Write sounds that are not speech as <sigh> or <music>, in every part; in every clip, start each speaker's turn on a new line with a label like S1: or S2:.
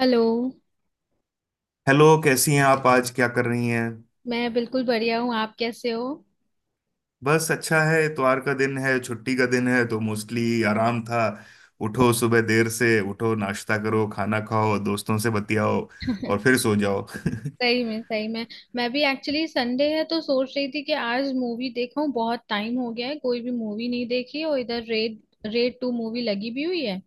S1: Hello.
S2: Hello. कैसी हैं आप? आज क्या कर रही हैं?
S1: मैं बिल्कुल बढ़िया हूँ, आप कैसे हो?
S2: बस अच्छा है। इतवार का दिन है, छुट्टी का दिन है, तो मोस्टली आराम था। उठो, सुबह देर से उठो, नाश्ता करो, खाना खाओ, दोस्तों से बतियाओ और
S1: <laughs>
S2: फिर सो जाओ। <laughs>
S1: सही में, सही में। मैं भी एक्चुअली संडे है तो सोच रही थी कि आज मूवी देखूं, बहुत टाइम हो गया है, कोई भी मूवी नहीं देखी और इधर रेड रेड टू मूवी लगी भी हुई है।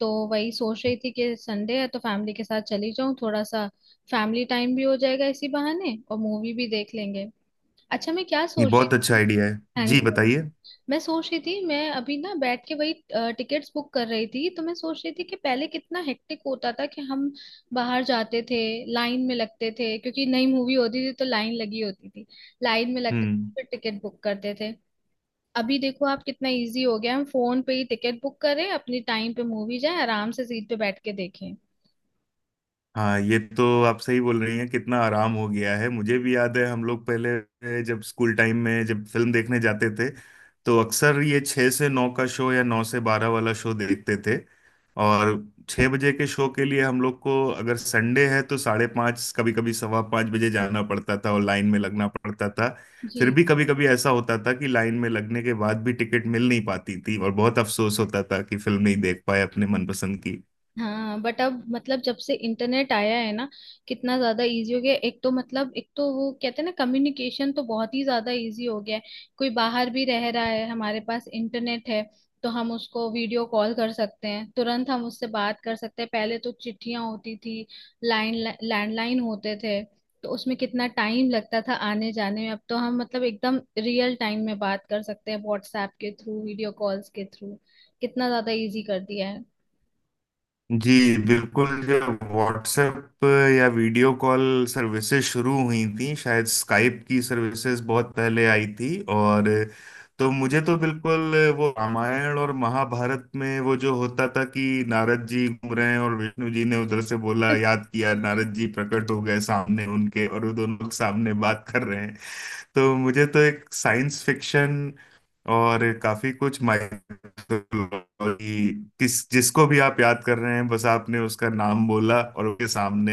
S1: तो वही सोच रही थी कि संडे है तो फैमिली के साथ चली जाऊं, थोड़ा सा फैमिली टाइम भी हो जाएगा इसी बहाने और मूवी भी देख लेंगे। अच्छा, मैं क्या
S2: ये
S1: सोच रही
S2: बहुत
S1: थी
S2: अच्छा
S1: ना।
S2: आइडिया है।
S1: हाँ
S2: जी
S1: जी।
S2: बताइए।
S1: मैं सोच रही थी मैं अभी ना बैठ के वही टिकट्स बुक कर रही थी, तो मैं सोच रही थी कि पहले कितना हेक्टिक होता था कि हम बाहर जाते थे, लाइन में लगते थे क्योंकि नई मूवी होती थी तो लाइन लगी होती थी, लाइन में लगते थे,
S2: हम्म।
S1: फिर टिकट बुक करते थे। अभी देखो आप कितना इजी हो गया, हम फोन पे ही टिकट बुक करें अपनी टाइम पे, मूवी जाए आराम से सीट पे बैठ के देखें।
S2: हाँ, ये तो आप सही बोल रही हैं, कितना आराम हो गया है। मुझे भी याद है, हम लोग पहले जब स्कूल टाइम में जब फिल्म देखने जाते थे तो अक्सर ये 6 से 9 का शो या 9 से 12 वाला शो देखते थे। और 6 बजे के शो के लिए हम लोग को, अगर संडे है तो 5:30, कभी कभी 5:15 बजे जाना पड़ता था और लाइन में लगना पड़ता था।
S1: जी।
S2: फिर भी कभी कभी ऐसा होता था कि लाइन में लगने के बाद भी टिकट मिल नहीं पाती थी और बहुत अफसोस होता था कि फिल्म नहीं देख पाए अपने मनपसंद की।
S1: हाँ, बट अब मतलब जब से इंटरनेट आया है ना, कितना ज्यादा इजी हो गया है। एक तो मतलब एक तो वो कहते हैं ना कम्युनिकेशन तो बहुत ही ज्यादा इजी हो गया है। कोई बाहर भी रह रहा है, हमारे पास इंटरनेट है तो हम उसको वीडियो कॉल कर सकते हैं, तुरंत हम उससे बात कर सकते हैं। पहले तो चिट्ठियां होती थी, लाइन लैंडलाइन होते थे, तो उसमें कितना टाइम लगता था आने जाने में। अब तो हम मतलब एकदम रियल टाइम में बात कर सकते हैं व्हाट्सएप के थ्रू, वीडियो कॉल्स के थ्रू। कितना ज्यादा इजी कर दिया है।
S2: जी बिल्कुल। जब व्हाट्सएप या वीडियो कॉल सर्विसेज शुरू हुई थी, शायद स्काइप की सर्विसेज बहुत पहले आई थी। और तो मुझे तो बिल्कुल वो रामायण और महाभारत में वो जो होता था कि नारद जी घूम रहे हैं और विष्णु जी ने उधर से बोला याद किया, नारद जी प्रकट हो गए सामने उनके और वो दोनों लोग सामने बात कर रहे हैं। तो मुझे तो एक साइंस फिक्शन और काफी कुछ माइथोलॉजी, किस जिसको भी आप याद कर रहे हैं बस आपने उसका नाम बोला और उसके सामने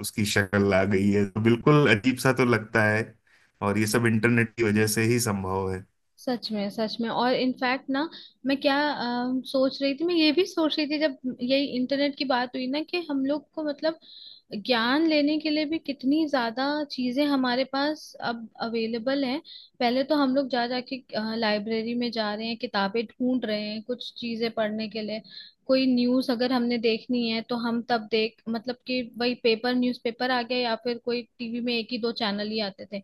S2: उसकी शक्ल आ गई है, तो बिल्कुल अजीब सा तो लगता है। और ये सब इंटरनेट की वजह से ही संभव है।
S1: सच में, सच में। और इनफैक्ट ना, मैं क्या सोच रही थी, मैं ये भी सोच रही थी जब यही इंटरनेट की बात हुई ना कि हम लोग को मतलब ज्ञान लेने के लिए भी कितनी ज्यादा चीजें हमारे पास अब अवेलेबल हैं। पहले तो हम लोग जा जाके लाइब्रेरी में जा रहे हैं, किताबें ढूंढ रहे हैं कुछ चीजें पढ़ने के लिए। कोई न्यूज अगर हमने देखनी है तो हम तब देख मतलब कि वही पेपर न्यूज़पेपर आ गया या फिर कोई टीवी में एक ही दो चैनल ही आते थे,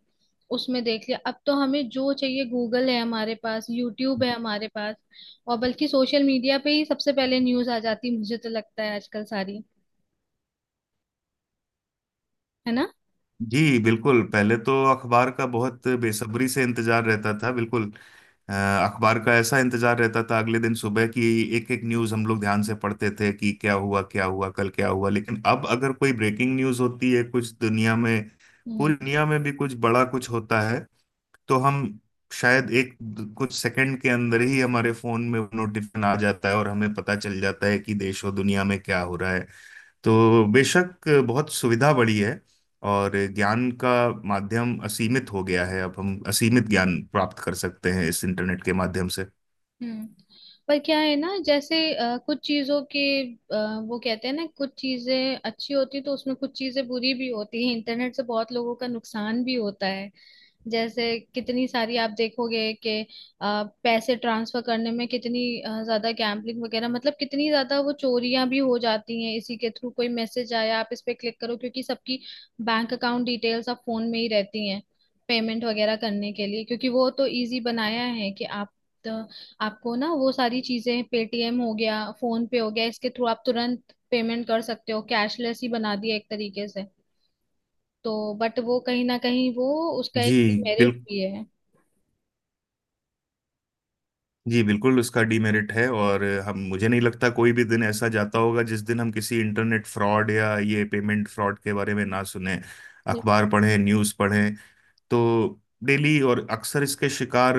S1: उसमें देख लिया। अब तो हमें जो चाहिए गूगल है हमारे पास, यूट्यूब है हमारे पास और बल्कि सोशल मीडिया पे ही सबसे पहले न्यूज आ जाती है, मुझे तो लगता है आजकल सारी, है ना।
S2: जी बिल्कुल, पहले तो अखबार का बहुत बेसब्री से इंतजार रहता था। बिल्कुल अखबार का ऐसा इंतजार रहता था अगले दिन सुबह की। एक एक न्यूज़ हम लोग ध्यान से पढ़ते थे कि क्या हुआ, क्या हुआ कल क्या हुआ। लेकिन अब अगर कोई ब्रेकिंग न्यूज़ होती है कुछ दुनिया में,
S1: हम्म।
S2: पूरी दुनिया में भी कुछ बड़ा कुछ होता है, तो हम शायद एक कुछ सेकंड के अंदर ही हमारे फोन में नोटिफिकेशन आ जाता है और हमें पता चल जाता है कि देश और दुनिया में क्या हो रहा है। तो बेशक बहुत सुविधा बढ़ी है और ज्ञान का माध्यम असीमित हो गया है। अब हम असीमित ज्ञान प्राप्त कर सकते हैं इस इंटरनेट के माध्यम से।
S1: हम्म। पर क्या है ना, जैसे कुछ चीजों के वो कहते हैं ना कुछ चीजें अच्छी होती तो उसमें कुछ चीजें बुरी भी होती है। इंटरनेट से बहुत लोगों का नुकसान भी होता है। जैसे कितनी सारी आप देखोगे कि पैसे ट्रांसफर करने में कितनी ज्यादा गैम्बलिंग वगैरह मतलब कितनी ज्यादा वो चोरियां भी हो जाती हैं इसी के थ्रू। कोई मैसेज आया आप इस पे क्लिक करो, क्योंकि सबकी बैंक अकाउंट डिटेल्स अब फोन में ही रहती हैं पेमेंट वगैरह करने के लिए। क्योंकि वो तो इजी बनाया है कि आप, तो आपको ना वो सारी चीजें पेटीएम हो गया, फोन पे हो गया, इसके थ्रू आप तुरंत पेमेंट कर सकते हो, कैशलेस ही बना दिया एक तरीके से। तो बट वो कहीं ना कहीं वो उसका
S2: जी
S1: एक
S2: बिल
S1: मेरिट भी है।
S2: जी बिल्कुल, उसका डीमेरिट है। और हम, मुझे नहीं लगता कोई भी दिन ऐसा जाता होगा जिस दिन हम किसी इंटरनेट फ्रॉड या ये पेमेंट फ्रॉड के बारे में ना सुने,
S1: बिल-
S2: अखबार पढ़ें, न्यूज़ पढ़ें। तो डेली, और अक्सर इसके शिकार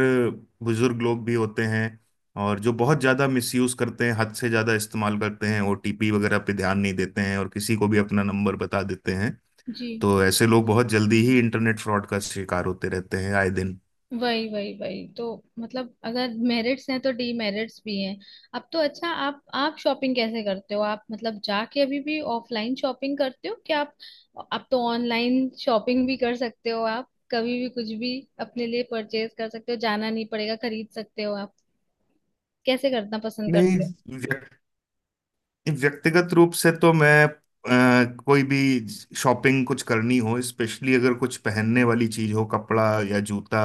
S2: बुजुर्ग लोग भी होते हैं, और जो बहुत ज़्यादा मिसयूज़ करते हैं, हद से ज़्यादा इस्तेमाल करते हैं, ओटीपी वगैरह पे ध्यान नहीं देते हैं और किसी को भी अपना नंबर बता देते हैं।
S1: जी।
S2: तो ऐसे लोग बहुत जल्दी ही इंटरनेट फ्रॉड का शिकार होते रहते हैं आए दिन।
S1: वही, वही, वही तो। मतलब अगर मेरिट्स हैं तो डीमेरिट्स भी हैं। अब तो अच्छा, आप शॉपिंग कैसे करते हो? आप मतलब जाके अभी भी ऑफलाइन शॉपिंग करते हो क्या आप? आप तो ऑनलाइन शॉपिंग भी कर सकते हो, आप कभी भी कुछ भी अपने लिए परचेज कर सकते हो, जाना नहीं पड़ेगा खरीद सकते हो आप। कैसे करना पसंद
S2: नहीं,
S1: करते हो?
S2: व्यक्तिगत रूप से तो मैं कोई भी शॉपिंग कुछ करनी हो, स्पेशली अगर कुछ पहनने वाली चीज हो, कपड़ा या जूता,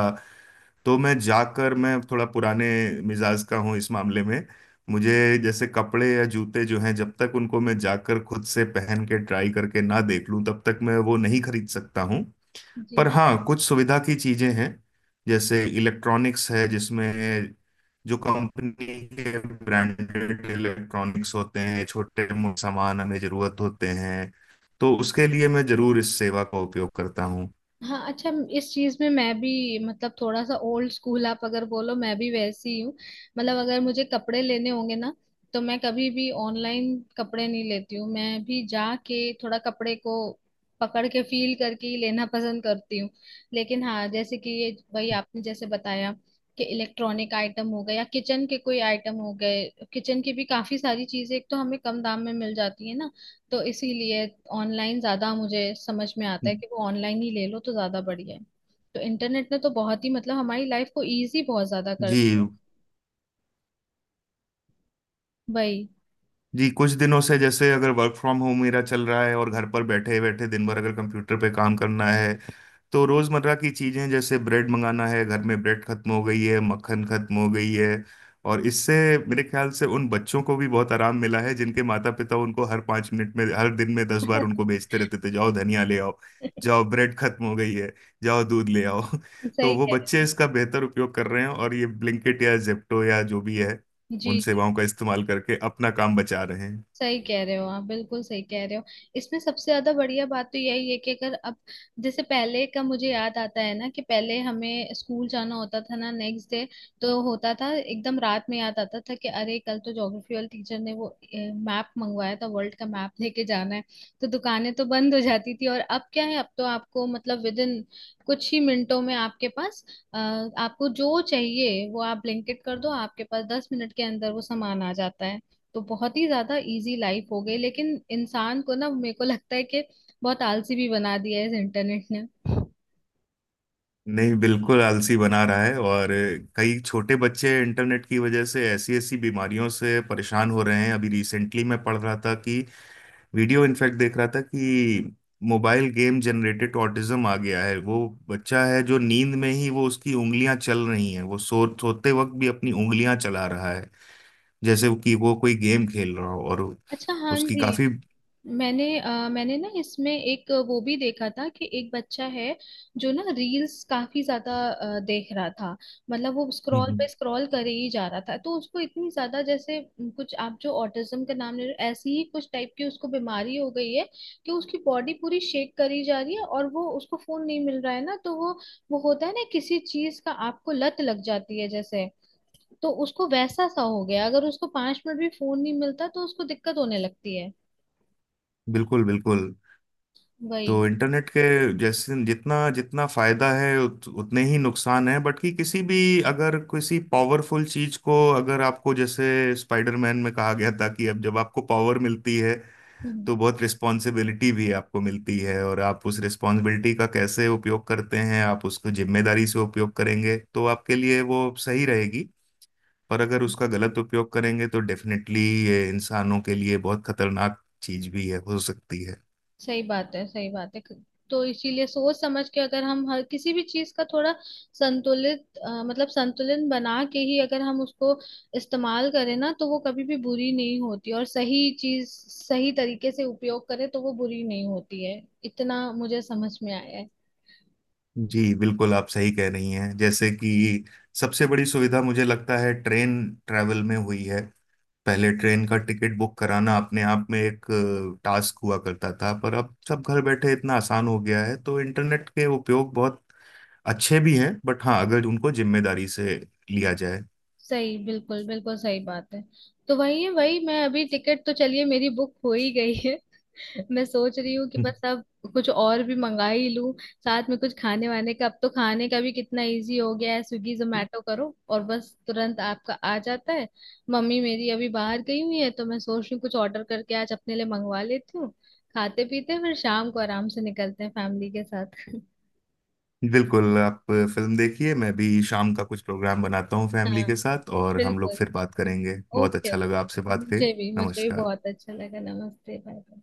S2: तो मैं जाकर, मैं थोड़ा पुराने मिजाज का हूँ इस मामले में। मुझे जैसे कपड़े या जूते जो हैं, जब तक उनको मैं जाकर खुद से पहन के ट्राई करके ना देख लूं, तब तक मैं वो नहीं खरीद सकता हूँ। पर
S1: जी,
S2: हाँ, कुछ सुविधा की चीजें हैं, जैसे इलेक्ट्रॉनिक्स है, जिसमें जो कंपनी के ब्रांडेड इलेक्ट्रॉनिक्स होते हैं, छोटे मोटे सामान हमें जरूरत होते हैं, तो उसके लिए मैं जरूर इस सेवा का उपयोग करता हूँ।
S1: हाँ अच्छा। इस चीज में मैं भी मतलब थोड़ा सा ओल्ड स्कूल, आप अगर बोलो, मैं भी वैसी ही हूँ। मतलब अगर मुझे कपड़े लेने होंगे ना, तो मैं कभी भी ऑनलाइन कपड़े नहीं लेती हूँ, मैं भी जाके थोड़ा कपड़े को पकड़ के फील करके ही लेना पसंद करती हूँ। लेकिन हाँ, जैसे कि ये वही आपने जैसे बताया कि इलेक्ट्रॉनिक आइटम हो गए या किचन के कोई आइटम हो गए, किचन की भी काफी सारी चीजें, एक तो हमें कम दाम में मिल जाती है ना, तो इसीलिए ऑनलाइन ज्यादा मुझे समझ में आता है कि वो ऑनलाइन ही ले लो तो ज्यादा बढ़िया है। तो इंटरनेट ने तो बहुत ही मतलब हमारी लाइफ को इजी बहुत ज्यादा कर दिया
S2: जी।
S1: है। वही।
S2: जी, कुछ दिनों से जैसे अगर वर्क फ्रॉम होम मेरा चल रहा है और घर पर बैठे बैठे दिन भर अगर कंप्यूटर पे काम करना है, तो रोजमर्रा की चीजें जैसे ब्रेड मंगाना है, घर में ब्रेड खत्म हो गई है, मक्खन खत्म हो गई है। और इससे मेरे ख्याल से उन बच्चों को भी बहुत आराम मिला है, जिनके माता पिता उनको हर 5 मिनट में, हर दिन में 10 बार उनको भेजते रहते थे, जाओ धनिया ले आओ, जाओ ब्रेड खत्म हो गई है, जाओ दूध ले आओ। <laughs> तो
S1: सही
S2: वो
S1: कह
S2: बच्चे
S1: रहे हैं।
S2: इसका बेहतर उपयोग कर रहे हैं और ये ब्लिंकिट या जेप्टो या जो भी है,
S1: जी,
S2: उन
S1: जी।
S2: सेवाओं का इस्तेमाल करके अपना काम बचा रहे।
S1: सही कह रहे हो आप, बिल्कुल सही कह रहे हो। इसमें सबसे ज्यादा बढ़िया बात तो यही है कि अगर अब जैसे, पहले का मुझे याद आता है ना कि पहले हमें स्कूल जाना होता था ना नेक्स्ट डे, तो होता था एकदम रात में याद आता था कि अरे कल तो ज्योग्राफी वाले टीचर ने वो मैप मंगवाया था, वर्ल्ड का मैप लेके जाना है। तो दुकानें तो बंद हो जाती थी। और अब क्या है, अब तो आपको मतलब विद इन कुछ ही मिनटों में आपके पास आपको जो चाहिए वो आप ब्लिंकिट कर दो, आपके पास 10 मिनट के अंदर वो सामान आ जाता है। तो बहुत ही ज्यादा इजी लाइफ हो गई, लेकिन इंसान को ना मेरे को लगता है कि बहुत आलसी भी बना दिया है इस इंटरनेट ने।
S2: नहीं, बिल्कुल आलसी बना रहा है। और कई छोटे बच्चे इंटरनेट की वजह से ऐसी ऐसी बीमारियों से परेशान हो रहे हैं। अभी रिसेंटली मैं पढ़ रहा था कि, वीडियो इनफैक्ट देख रहा था कि, मोबाइल गेम जनरेटेड ऑटिज्म आ गया है। वो बच्चा है जो नींद में ही वो उसकी उंगलियां चल रही हैं, वो सोते वक्त भी अपनी उंगलियां चला रहा है जैसे कि वो कोई गेम खेल रहा हो। और
S1: अच्छा, हाँ
S2: उसकी
S1: जी।
S2: काफी
S1: मैंने मैंने ना इसमें एक वो भी देखा था कि एक बच्चा है जो ना रील्स काफी ज्यादा देख रहा था, मतलब वो स्क्रॉल
S2: हम्म।
S1: पे स्क्रॉल करे ही जा रहा था, तो उसको इतनी ज्यादा जैसे कुछ आप जो ऑटिज्म का नाम ले रहे हो ऐसी ही कुछ टाइप की उसको बीमारी हो गई है कि उसकी बॉडी पूरी शेक करी जा रही है और वो, उसको फोन नहीं मिल रहा है ना तो वो होता है ना किसी चीज का आपको लत लग जाती है जैसे, तो उसको वैसा सा हो गया। अगर उसको 5 मिनट भी फोन नहीं मिलता तो उसको दिक्कत होने लगती है।
S2: बिल्कुल बिल्कुल।
S1: वही।
S2: तो इंटरनेट के जैसे जितना जितना फायदा है, उतने ही नुकसान है। बट कि किसी भी, अगर किसी पावरफुल चीज को, अगर आपको जैसे स्पाइडरमैन में कहा गया था कि अब जब आपको पावर मिलती है,
S1: हम्म।
S2: तो बहुत रिस्पॉन्सिबिलिटी भी आपको मिलती है, और आप उस रिस्पॉन्सिबिलिटी का कैसे उपयोग करते हैं, आप उसको जिम्मेदारी से उपयोग करेंगे तो आपके लिए वो सही रहेगी। पर अगर उसका गलत उपयोग करेंगे, तो डेफिनेटली ये इंसानों के लिए बहुत खतरनाक चीज भी है, हो सकती है।
S1: सही बात है, सही बात है। तो इसीलिए सोच समझ के अगर हम हर किसी भी चीज का थोड़ा संतुलित अ, मतलब संतुलन बना के ही अगर हम उसको इस्तेमाल करें ना तो वो कभी भी बुरी नहीं होती, और सही चीज सही तरीके से उपयोग करें तो वो बुरी नहीं होती है, इतना मुझे समझ में आया है।
S2: जी बिल्कुल, आप सही कह रही हैं। जैसे कि सबसे बड़ी सुविधा मुझे लगता है ट्रेन ट्रैवल में हुई है। पहले ट्रेन का टिकट बुक कराना अपने आप में एक टास्क हुआ करता था, पर अब सब घर बैठे इतना आसान हो गया है। तो इंटरनेट के उपयोग बहुत अच्छे भी हैं, बट हाँ, अगर उनको जिम्मेदारी से लिया जाए।
S1: सही, बिल्कुल बिल्कुल सही बात है। तो वही है, वही मैं अभी टिकट तो चलिए मेरी बुक हो ही गई है, मैं सोच रही हूँ कि बस
S2: <laughs>
S1: अब कुछ और भी मंगा ही लूं साथ में, कुछ खाने वाने का। अब तो खाने का भी कितना इजी हो गया है, स्विगी जोमेटो करो और बस तुरंत आपका आ जाता है। मम्मी मेरी अभी बाहर गई हुई है तो मैं सोच रही हूँ कुछ ऑर्डर करके आज अपने लिए मंगवा लेती हूँ, खाते पीते हैं, फिर शाम को आराम से निकलते हैं फैमिली के साथ। <laughs>
S2: बिल्कुल, आप फिल्म देखिए, मैं भी शाम का कुछ प्रोग्राम बनाता हूँ फैमिली
S1: हाँ,
S2: के साथ, और हम लोग
S1: बिल्कुल।
S2: फिर बात करेंगे। बहुत
S1: ओके,
S2: अच्छा लगा आपसे बात करें।
S1: मुझे भी, मुझे भी
S2: नमस्कार।
S1: बहुत अच्छा लगा। नमस्ते, बाय।